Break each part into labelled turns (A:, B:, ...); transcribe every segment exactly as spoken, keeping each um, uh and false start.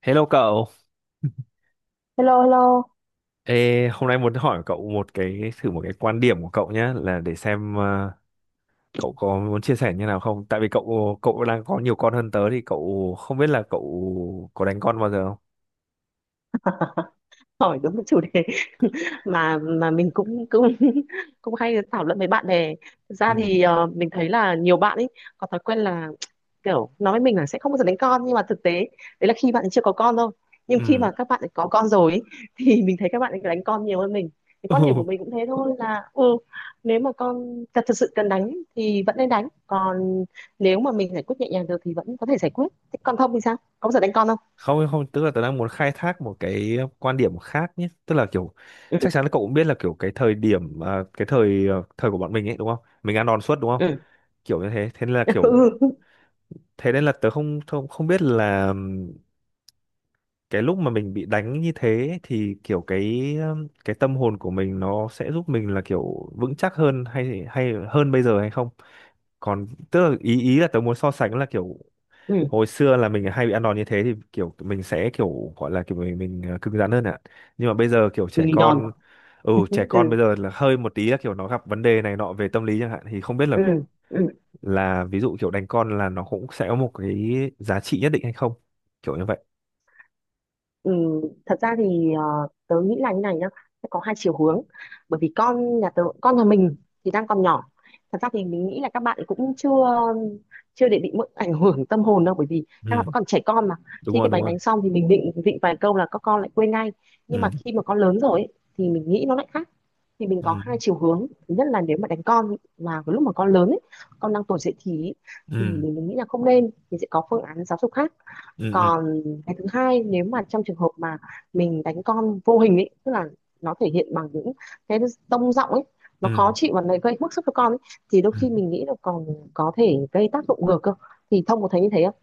A: Hello cậu.
B: Hello, hello.
A: Ê, hôm nay muốn hỏi cậu một cái thử một cái quan điểm của cậu nhé, là để xem ờ, cậu có muốn chia sẻ như nào không? Tại vì cậu cậu đang có nhiều con hơn tớ thì cậu không biết là cậu có đánh con bao giờ không?
B: Hỏi đúng cái chủ đề mà mà mình cũng cũng cũng hay thảo luận với bạn bè. Thực ra
A: Ừ.
B: thì ờ, mình thấy là nhiều bạn ấy có thói quen là kiểu nói với mình là sẽ không bao giờ đánh con, nhưng mà thực tế đấy là khi bạn ấy chưa có con thôi. Nhưng khi
A: Ừ.
B: mà các bạn ấy có con rồi ấy, thì mình thấy các bạn ấy đánh con nhiều hơn mình. Cái quan điểm của
A: Ừ.
B: mình cũng thế thôi, là ừ nếu mà con thật thật sự cần đánh thì vẫn nên đánh. Còn nếu mà mình giải quyết nhẹ nhàng được thì vẫn có thể giải quyết. Thế còn không thì sao? Có bao giờ đánh con không?
A: Không, không, tức là tớ đang muốn khai thác một cái quan điểm khác nhé, tức là kiểu
B: Ừ.
A: chắc chắn là cậu cũng biết là kiểu cái thời điểm à, cái thời ờ, thời của bọn mình ấy đúng không? Mình ăn đòn suốt đúng không?
B: Ừ.
A: Kiểu như thế, thế nên là kiểu thế nên là tớ không không không biết là cái lúc mà mình bị đánh như thế thì kiểu cái um, cái tâm hồn của mình nó sẽ giúp mình là kiểu vững chắc hơn hay hay hơn bây giờ hay không, còn tức là ý ý là tớ muốn so sánh là kiểu
B: Ừ.
A: hồi xưa là mình hay bị ăn đòn như thế thì kiểu mình sẽ kiểu gọi là kiểu mình mình ờ, cứng rắn hơn ạ, nhưng mà bây giờ kiểu trẻ
B: Mình giòn.
A: con, ừ trẻ con
B: Ừ,
A: bây giờ là hơi một tí là kiểu nó gặp vấn đề này nọ về tâm lý chẳng hạn, thì không biết là
B: ừ, ừ.
A: là ví dụ kiểu đánh con là nó cũng sẽ có một cái giá trị nhất định hay không, kiểu như vậy.
B: Ừ, thật ra thì ờ, tớ nghĩ là như này nhá, sẽ có hai chiều hướng. Bởi vì con nhà tớ, con nhà mình thì đang còn nhỏ, thật ra thì mình nghĩ là các bạn cũng chưa chưa để bị mỡ- ảnh hưởng tâm hồn đâu, bởi vì các bạn
A: Ừ,
B: vẫn còn trẻ con mà.
A: đúng
B: Khi
A: rồi,
B: cái
A: đúng
B: bánh
A: rồi.
B: đánh xong thì mình định định vài câu là các con lại quên ngay. Nhưng
A: Ừ.
B: mà khi mà con lớn rồi ấy, thì mình nghĩ nó lại khác. Thì mình có
A: Ừ.
B: hai chiều hướng, thứ nhất là nếu mà đánh con mà cái lúc mà con lớn ấy, con đang tuổi dậy thì ấy, thì
A: Ừ.
B: mình nghĩ là không nên, thì sẽ có phương án giáo dục khác.
A: Ừ. Ừ.
B: Còn cái thứ hai, nếu mà trong trường hợp mà mình đánh con vô hình ấy, tức là nó thể hiện bằng những cái tông giọng ấy,
A: Ừ.
B: nó khó chịu và nó gây bức xúc cho con ấy, thì đôi
A: Ừ.
B: khi mình nghĩ là còn có thể gây tác dụng ngược cơ. Thì Thông có thấy như thế không?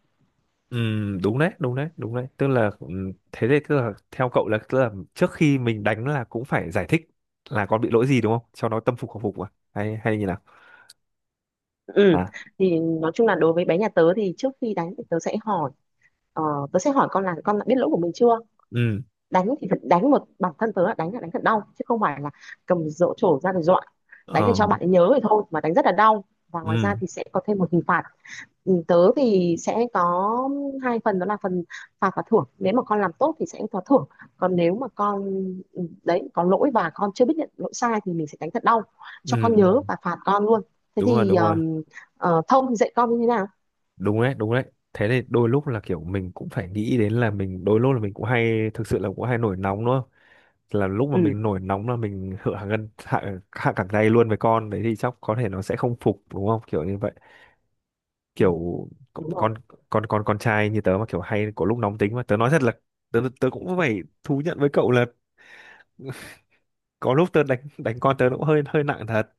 A: Ừ, đúng đấy, đúng đấy, đúng đấy, tức là ừ, thế thì tức là theo cậu là tức là trước khi mình đánh là cũng phải giải thích là con bị lỗi gì đúng không, cho nó tâm phục khẩu phục à, hay hay như nào
B: Ừ.
A: hả?
B: Thì nói chung là đối với bé nhà tớ thì trước khi đánh thì tớ sẽ hỏi, ờ, tớ sẽ hỏi con là con đã biết lỗi của mình chưa?
A: Ừ.
B: Đánh thì phải đánh một bản thân tớ là đánh, là đánh thật đau, chứ không phải là cầm dỗ trổ ra để dọa. Đánh để
A: Ờ.
B: cho bạn ấy nhớ thì thôi, mà đánh rất là đau, và ngoài ra
A: Ừ.
B: thì sẽ có thêm một hình phạt. Ừ, tớ thì sẽ có hai phần, đó là phần phạt và thưởng, nếu mà con làm tốt thì sẽ có thưởng, còn nếu mà con ừ, đấy, có lỗi và con chưa biết nhận lỗi sai thì mình sẽ đánh thật đau cho
A: Ừ.
B: con
A: Ừ.
B: nhớ và phạt con luôn. Thế
A: Đúng rồi,
B: thì
A: đúng rồi.
B: um, ờ, Thông thì dạy con như thế nào?
A: Đúng đấy, đúng đấy. Thế thì đôi lúc là kiểu mình cũng phải nghĩ đến là mình đôi lúc là mình cũng hay thực sự là cũng hay nổi nóng đúng không, là lúc mà
B: Ừ,
A: mình nổi nóng là mình hạ gân, hạ, hạ cẳng tay luôn với con đấy, thì chắc có thể nó sẽ không phục đúng không, kiểu như vậy,
B: ừ,
A: kiểu con
B: đúng rồi.
A: con con con trai như tớ mà kiểu hay có lúc nóng tính, mà tớ nói thật là tớ tớ cũng phải thú nhận với cậu là có lúc tớ đánh đánh con tớ nó cũng hơi hơi nặng thật,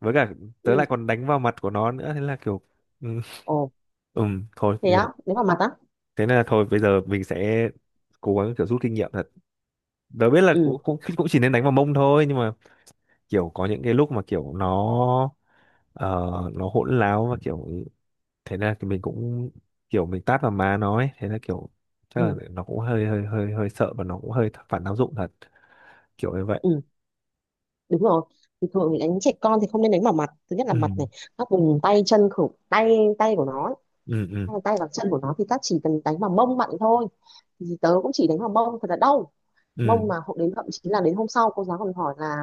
A: với cả tớ
B: Ừ.
A: lại còn đánh vào mặt của nó nữa, thế là kiểu ừ,
B: Ồ,
A: ừm, thôi
B: thế
A: nhưng
B: á?
A: mà
B: Đánh vào mặt á?
A: thế nên là thôi bây giờ mình sẽ cố gắng kiểu rút kinh nghiệm thật. Tớ biết là
B: Ừ,
A: cũng cũng cũng chỉ nên đánh vào mông thôi, nhưng mà kiểu có những cái lúc mà kiểu nó ờ, nó hỗn láo và kiểu thế là thì mình cũng kiểu mình tát vào má nó ấy, thế là kiểu chắc
B: ừ,
A: là nó cũng hơi hơi hơi hơi sợ và nó cũng hơi phản tác dụng thật, kiểu như vậy.
B: ừ, đúng rồi. Thì thường thì đánh trẻ con thì không nên đánh vào mặt, thứ nhất là
A: Ừ.
B: mặt này, các vùng tay chân khử, tay tay của nó,
A: Ừ. Ừ.
B: hay là tay và chân của nó, thì ta chỉ cần đánh vào mông bạn thôi. Thì tớ cũng chỉ đánh vào mông thật là đau,
A: Ừ.
B: mông mà hộ đến, thậm chí là đến hôm sau cô giáo còn hỏi là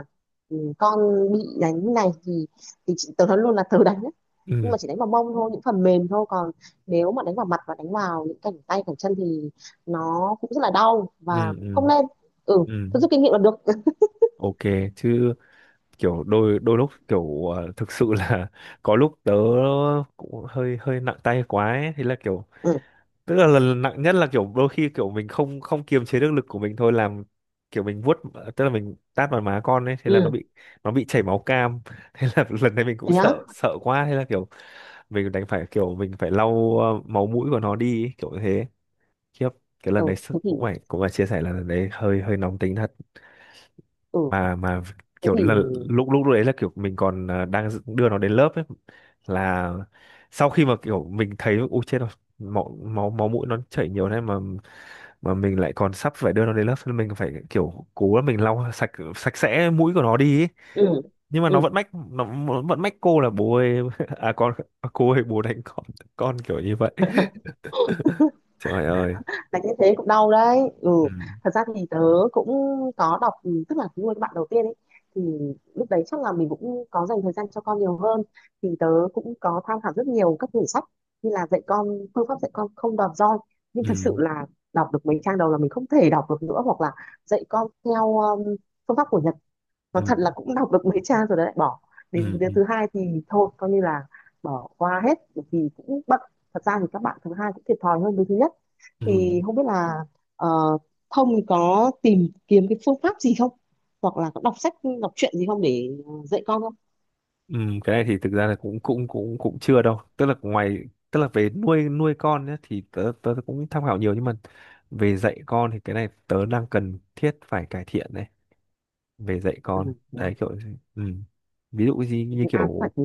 B: "Ừ, con bị đánh như này thì thì chị, tớ nói luôn là tớ đánh đấy, nhưng
A: Ừ.
B: mà chỉ đánh vào mông thôi, những phần mềm thôi. Còn nếu mà đánh vào mặt và đánh vào những cẳng tay cẳng chân thì nó cũng rất là đau và
A: Ừ.
B: cũng
A: Ừ.
B: không nên. Ừ,
A: Ừ.
B: tôi rút kinh nghiệm là được.
A: OK chứ, kiểu đôi đôi lúc kiểu ờ, thực sự là có lúc tớ cũng hơi hơi nặng tay quá ấy. Thế là kiểu
B: Ừ,
A: tức là lần nặng nhất là kiểu đôi khi kiểu mình không không kiềm chế được lực của mình thôi, làm kiểu mình vuốt, tức là mình tát vào má con ấy, thế là nó
B: ừ.
A: bị, nó bị chảy máu cam. Thế là lần này mình cũng
B: Thế á?
A: sợ sợ quá, thế là kiểu mình đành phải kiểu mình phải lau ờ, máu mũi của nó đi ấy, kiểu như thế. Khiếp, cái lần
B: Ừ,
A: đấy sức-
B: thế thì
A: cũng phải cũng phải chia sẻ là lần đấy hơi hơi nóng tính thật.
B: ừ,
A: Mà mà
B: thế
A: kiểu
B: thì
A: là lúc, lúc đấy là kiểu mình còn ờ, đang đưa nó đến lớp ấy, là sau khi mà kiểu mình thấy ui chết rồi, máu máu máu mũi nó chảy nhiều thế, mà mà mình lại còn sắp phải đưa nó đến lớp nên mình phải kiểu cố là mình lau sạch sạch sẽ mũi của nó đi ấy.
B: ừ,
A: Nhưng mà nó
B: ừ.
A: vẫn mách, nó vẫn mách cô là bố ơi, à con, cô ơi bố đánh con con kiểu như vậy. Trời ơi.
B: Đánh như thế cũng đau đấy. Ừ,
A: Ừ.
B: thật ra thì tớ cũng có đọc, ừ, tức là nuôi các bạn đầu tiên ấy, thì lúc đấy chắc là mình cũng có dành thời gian cho con nhiều hơn, thì tớ cũng có tham khảo rất nhiều các quyển sách như là dạy con, phương pháp dạy con không đòn roi, nhưng
A: Ừ.
B: thật sự là đọc được mấy trang đầu là mình không thể đọc được nữa, hoặc là dạy con theo um, phương pháp của Nhật, nó
A: Ừ.
B: thật là cũng đọc được mấy trang rồi đấy lại bỏ. Đến cái
A: Ừ.
B: đứa
A: Ừ.
B: thứ hai thì thôi coi như là bỏ qua hết bởi vì cũng bận. Thật ra thì các bạn thứ hai cũng thiệt thòi hơn đứa thứ nhất.
A: Ừ.
B: Thì không biết là ờ, Thông thì có tìm kiếm cái phương pháp gì không, hoặc là có đọc sách, đọc truyện gì không để ờ, dạy con không?
A: Ừ. Cái này thì thực ra là cũng cũng cũng cũng chưa đâu, tức là ngoài tức là về nuôi nuôi con nhá, thì tớ, tớ cũng tham khảo nhiều, nhưng mà về dạy con thì cái này tớ đang cần thiết phải cải thiện đấy, về dạy
B: Ừ,
A: con
B: yeah.
A: đấy kiểu ừ, ví dụ gì
B: Thì
A: như
B: ai cũng phải
A: kiểu
B: thế.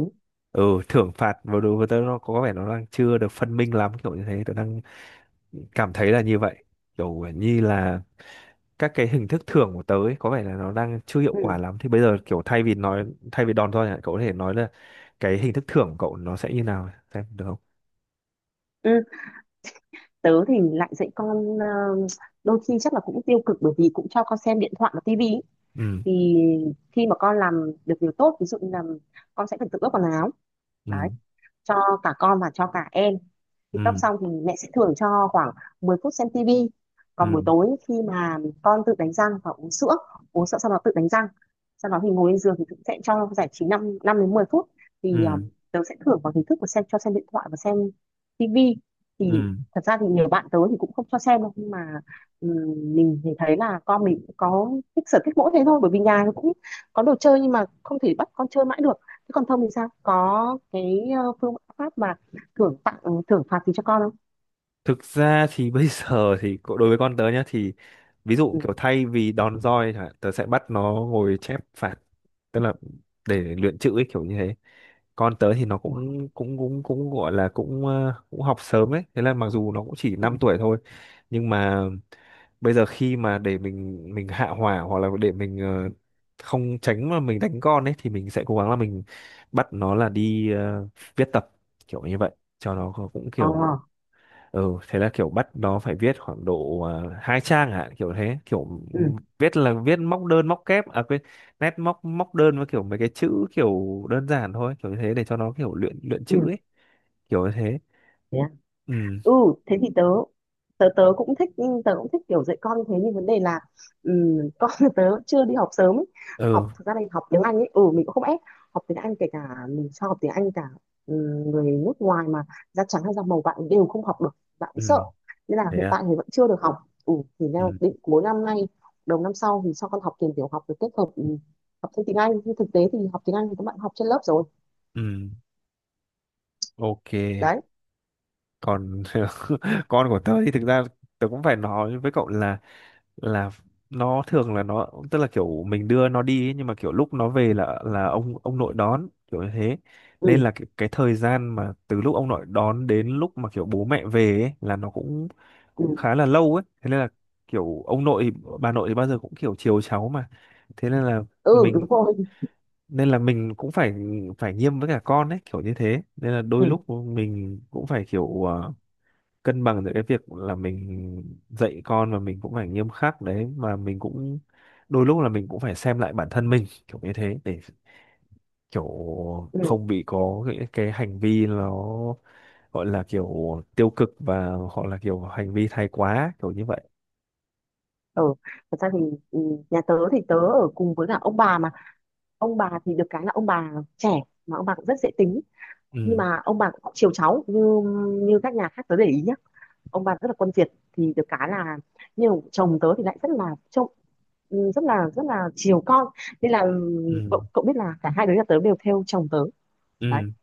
A: ừ, thưởng phạt vào đối với tớ nó có vẻ nó đang chưa được phân minh lắm, kiểu như thế tớ đang cảm thấy là như vậy, kiểu như là các cái hình thức thưởng của tớ ấy, có vẻ là nó đang chưa hiệu
B: Ừ.
A: quả lắm, thì bây giờ kiểu thay vì nói thay vì đòn roi này, cậu có thể nói là cái hình thức thưởng của cậu nó sẽ như nào xem được không?
B: Ừ. Tớ thì lại dạy con ờ, đôi khi chắc là cũng tiêu cực bởi vì cũng cho con xem điện thoại và tivi ý.
A: Ừ.
B: Thì khi mà con làm được điều tốt, ví dụ như là con sẽ phải tự ước quần áo đấy,
A: Ừ.
B: cho cả con và cho cả em. Khi cấp
A: Ừ.
B: xong thì mẹ sẽ thưởng cho khoảng mười phút xem tivi.
A: Ừ.
B: Còn buổi tối khi mà con tự đánh răng và uống sữa, uống sữa sau đó tự đánh răng, sau đó thì ngồi lên giường thì cũng sẽ cho giải trí năm, năm năm đến mười phút. Thì
A: Ừ.
B: um, tớ sẽ thưởng vào hình thức của xem, cho xem điện thoại và xem tivi.
A: Ừ.
B: Thì thật ra thì nhiều bạn tớ thì cũng không cho xem đâu, nhưng mà ừm, mình thì thấy là con mình cũng có thích sở thích mỗi thế thôi, bởi vì nhà nó cũng có đồ chơi nhưng mà không thể bắt con chơi mãi được. Thế còn Thông thì sao? Có cái ờ, phương pháp mà thưởng tặng, thưởng phạt gì cho con không?
A: Thực ra thì bây giờ thì cô- đối với con tớ nhá thì ví dụ
B: Ừ.
A: kiểu thay vì đòn roi chẳng hạn, tớ sẽ bắt nó ngồi chép phạt, tức là để luyện chữ ấy, kiểu như thế. Con tớ thì nó
B: Ủa?
A: cũng cũng cũng cũng gọi là cũng ờ, cũng học sớm ấy, thế là mặc dù nó cũng chỉ
B: Ừ.
A: năm tuổi thôi, nhưng mà bây giờ khi mà để mình mình hạ hỏa hoặc là để mình ờ, không tránh mà mình đánh con ấy, thì mình sẽ cố gắng là mình bắt nó là đi ờ, viết tập, kiểu như vậy, cho nó cũng
B: Ờ.
A: kiểu ừ, thế là kiểu bắt nó phải viết khoảng độ uh, hai trang hả, kiểu thế, kiểu
B: Ừ.
A: viết là viết móc đơn móc kép à quên, nét móc móc đơn với kiểu mấy cái chữ kiểu đơn giản thôi, kiểu như thế để cho nó kiểu luyện luyện chữ
B: Ừ.
A: ấy, kiểu như thế.
B: Thế à?
A: Ừ.
B: Ừ, thế thì tớ tớ tớ cũng thích, tớ cũng thích kiểu dạy con như thế, nhưng vấn đề là ừm, con tớ chưa đi học sớm ấy. Học,
A: Ừ.
B: thực ra là học tiếng Anh ấy, ừ mình cũng không ép học tiếng Anh, kể cả mình cho học tiếng Anh cả ừm, người nước ngoài, mà da trắng hay da màu bạn đều không học được, bạn
A: Ừ.
B: ấy sợ, nên là
A: Thế
B: hiện
A: à?
B: tại thì vẫn chưa được học. Ừ, thì đang
A: Ừ.
B: định cuối năm nay, đầu năm sau thì cho con học tiền tiểu học được kết hợp ừm, học thêm tiếng Anh, nhưng thực tế thì học tiếng Anh thì các bạn học trên lớp rồi
A: Ừ. OK,
B: đấy.
A: còn con của tớ thì thực ra tớ cũng phải nói với cậu là là nó thường là nó, tức là kiểu mình đưa nó đi ấy, nhưng mà kiểu lúc nó về là là ông ông nội đón, kiểu như thế, nên
B: Ừ,
A: là cái, cái thời gian mà từ lúc ông nội đón đến lúc mà kiểu bố mẹ về ấy, là nó cũng
B: ừ,
A: cũng khá là lâu ấy, thế nên là kiểu ông nội thì- bà nội thì bao giờ cũng kiểu chiều cháu mà, thế nên là
B: ừ
A: mình
B: đúng rồi.
A: nên là mình cũng phải phải nghiêm với cả con ấy, kiểu như thế, nên là đôi
B: Ừ,
A: lúc mình cũng phải kiểu ờ, cân bằng giữa cái việc là mình dạy con và mình cũng phải nghiêm khắc đấy, mà mình cũng đôi lúc là mình cũng phải xem lại bản thân mình kiểu như thế, để kiểu
B: ừ.
A: không bị có cái, cái hành vi nó gọi là kiểu tiêu cực và hoặc là kiểu hành vi thái quá, kiểu như vậy.
B: Ừ, thật ra thì ừ, nhà tớ thì tớ ở cùng với cả ông bà mà, ông bà thì được cái là ông bà trẻ, mà ông bà cũng rất dễ tính, nhưng
A: Ừ.
B: mà ông bà cũng chiều cháu như như các nhà khác tớ để ý nhá, ông bà rất là quân Việt, thì được cái là, nhưng chồng tớ thì lại rất là trông, ừ, rất là rất là chiều con, nên là ừ,
A: Ừ.
B: cậu, cậu biết là cả hai đứa nhà tớ đều theo chồng tớ đấy.
A: Ừ.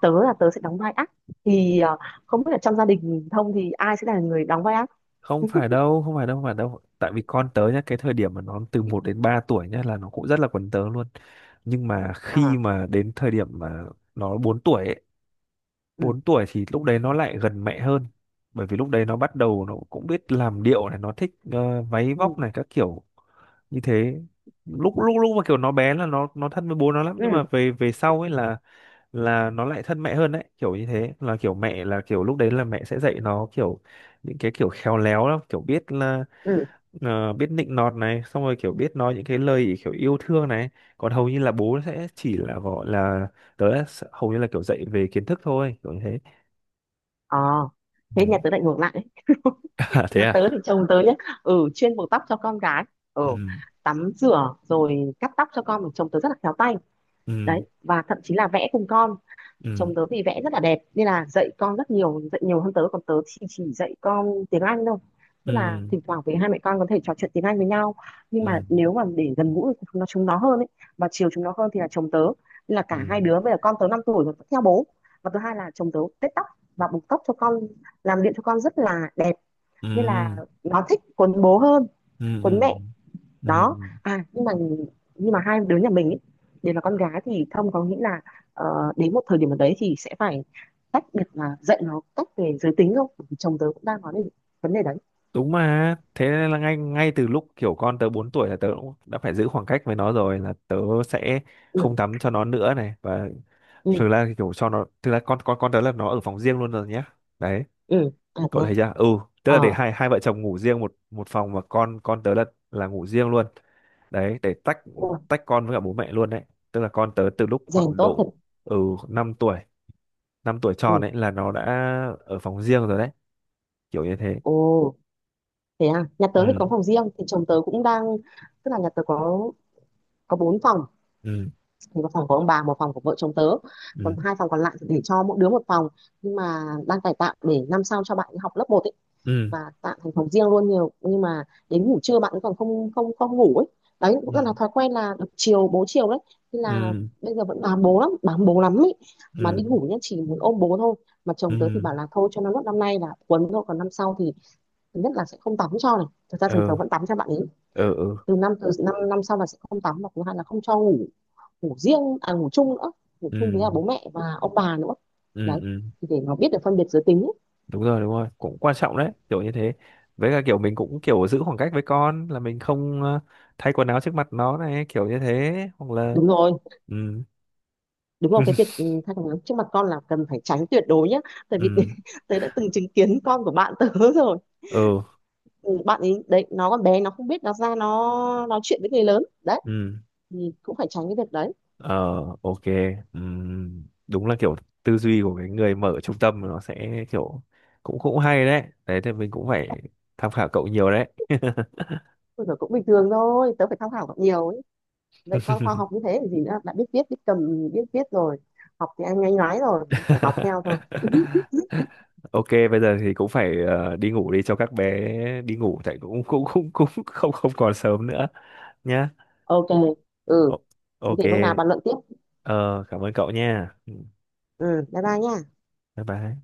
B: Tớ là tớ sẽ đóng vai ác. Thì ờ, không biết là trong gia đình Thông thì ai sẽ là người đóng vai ác.
A: Không phải đâu, không phải đâu, không phải đâu, tại vì con tớ nhá, cái thời điểm mà nó từ một đến ba tuổi nhá là nó cũng rất là quấn tớ luôn, nhưng mà khi
B: À,
A: mà đến thời điểm mà nó bốn tuổi ấy,
B: ừ,
A: bốn tuổi thì lúc đấy nó lại gần mẹ hơn, bởi vì lúc đấy nó bắt đầu nó cũng biết làm điệu này, nó thích ờ, váy
B: ừ,
A: vóc này các kiểu như thế. Lúc lúc Lúc mà kiểu nó bé là nó nó thân với bố nó lắm, nhưng
B: ừ,
A: mà về về sau ấy là là nó lại thân mẹ hơn đấy, kiểu như thế là kiểu mẹ là kiểu lúc đấy là mẹ sẽ dạy nó kiểu những cái kiểu khéo léo lắm, kiểu biết là
B: ừ.
A: ờ, biết nịnh nọt này, xong rồi kiểu biết nói những cái lời kiểu yêu thương này, còn hầu như là bố sẽ chỉ là gọi là tớ hầu như là kiểu dạy về kiến thức thôi, kiểu như thế.
B: Ờ,
A: Ừ.
B: thế nhà tớ lại ngược lại.
A: À, thế
B: Nhà tớ
A: à?
B: thì chồng tớ nhá, ừ chuyên buộc tóc cho con gái, ừ
A: Ừ.
B: tắm rửa rồi cắt tóc cho con, chồng tớ rất là khéo tay đấy,
A: Ừ.
B: và thậm chí là vẽ cùng con.
A: Ừ.
B: Chồng tớ thì vẽ rất là đẹp nên là dạy con rất nhiều, dạy nhiều hơn tớ, còn tớ thì chỉ dạy con tiếng Anh thôi, tức là
A: Ừ.
B: thỉnh thoảng với hai mẹ con có thể trò chuyện tiếng Anh với nhau, nhưng mà
A: Ừ.
B: nếu mà để gần gũi thì chúng nó chúng nó hơn ấy, và chiều chúng nó hơn thì là chồng tớ, nên là
A: Ừ.
B: cả hai đứa bây giờ con tớ năm tuổi rồi vẫn theo bố. Và thứ hai là chồng tớ tết tóc và buộc tóc cho con, làm điện cho con rất là đẹp, nên là
A: Ừ.
B: nó thích cuốn bố hơn
A: Ừ. Ừ.
B: cuốn mẹ
A: Ừ.
B: đó. À nhưng mà, nhưng mà hai đứa nhà mình ấy, đều là con gái, thì Thông có nghĩ là ờ, đến một thời điểm nào đấy thì sẽ phải tách biệt là dạy nó cách về giới tính không? Bởi vì chồng tớ cũng đang nói đến vấn đề đấy.
A: Đúng mà. Thế nên là ngay ngay từ lúc kiểu con tớ bốn tuổi là tớ cũng đã phải giữ khoảng cách với nó rồi, là tớ sẽ
B: Ừ,
A: không tắm cho nó nữa này, và
B: ừ,
A: thực ra thì kiểu cho nó thực ra con con con tớ là nó ở phòng riêng luôn rồi nhé. Đấy.
B: ừ. À thế
A: Cậu
B: à?
A: thấy chưa, ừ, tức là để
B: Ờ.
A: hai hai vợ chồng ngủ riêng một một phòng, và con con tớ là là ngủ riêng luôn đấy, để tách,
B: Ủa,
A: tách con với cả bố mẹ luôn đấy, tức là con tớ từ lúc
B: rèn
A: khoảng
B: tốt thật.
A: độ ừ năm tuổi, năm tuổi tròn
B: Ừ.
A: ấy là nó đã ở phòng riêng rồi đấy, kiểu như thế.
B: Ồ, thế à? Nhà tớ thì có
A: Ừ.
B: phòng riêng, thì chồng tớ cũng đang, tức là nhà tớ có có bốn phòng,
A: Ừ.
B: thì một phòng của ông bà, một phòng của vợ chồng tớ, còn
A: Ừ.
B: hai phòng còn lại thì để cho mỗi đứa một phòng, nhưng mà đang cải tạo để năm sau cho bạn ấy học lớp một ấy,
A: Ừ.
B: và tạo thành phòng riêng luôn nhiều. Nhưng mà đến ngủ trưa bạn ấy còn không không không ngủ ấy. Đấy cũng rất là
A: Ừ.
B: thói quen là được chiều bố chiều đấy, nên là
A: Ừ.
B: bây giờ vẫn bám bố lắm, bám bố lắm ấy, mà đi
A: Ừ.
B: ngủ nhá chỉ muốn ôm bố thôi. Mà
A: Ừ.
B: chồng tớ thì
A: Ừ.
B: bảo là thôi cho nó nốt năm nay là quấn thôi, còn năm sau thì thứ nhất là sẽ không tắm cho này, thật ra
A: Ừ.
B: thần thờ vẫn tắm cho bạn ấy,
A: Ừ. Ừ. Ừ.
B: từ năm, từ năm năm sau là sẽ không tắm, và thứ hai là không cho ngủ, ngủ riêng à ngủ chung nữa, ngủ
A: Ừ.
B: chung với cả
A: Ừ,
B: bố mẹ và ông bà nữa
A: ừ,
B: đấy,
A: ừ, ừ.
B: thì để nó biết được phân biệt giới tính.
A: Đúng rồi, đúng rồi, cũng quan trọng đấy, kiểu như thế, với cả kiểu mình cũng kiểu giữ khoảng cách với con, là mình không ờ, thay quần áo trước mặt nó này, kiểu như thế, hoặc là
B: Đúng rồi,
A: ừ.
B: đúng rồi, cái việc ừ, thai chồng trước mặt con là cần phải tránh tuyệt đối nhá, tại vì
A: Ừ.
B: tớ đã từng chứng kiến con của bạn tớ rồi.
A: Ừ.
B: Ừ, bạn ấy đấy, nó còn bé nó không biết, nó ra nó nói chuyện với người lớn đấy,
A: Ừ.
B: thì cũng phải tránh cái việc đấy.
A: Ờ, OK. Ừ. Đúng là kiểu tư duy của cái người mở trung tâm nó sẽ kiểu cũng cũng hay đấy đấy, thì mình cũng phải tham khảo cậu nhiều đấy.
B: Ôi giời, cũng bình thường thôi, tớ phải tham khảo còn nhiều ấy. Dạy con khoa học như thế thì gì nữa, đã biết viết, biết cầm, biết viết rồi, học thì anh nhanh nói rồi phải học theo thôi.
A: OK, bây giờ thì cũng phải ờ, đi ngủ đi, cho các bé đi ngủ, tại cũng cũng cũng cũng không không còn sớm nữa nhá.
B: OK. Ừ,
A: O-
B: thế
A: OK.
B: thì hôm nào bàn luận tiếp.
A: Ờ, cảm ơn cậu nha. Ừ,
B: Ừ, bye bye nha.
A: bye bye.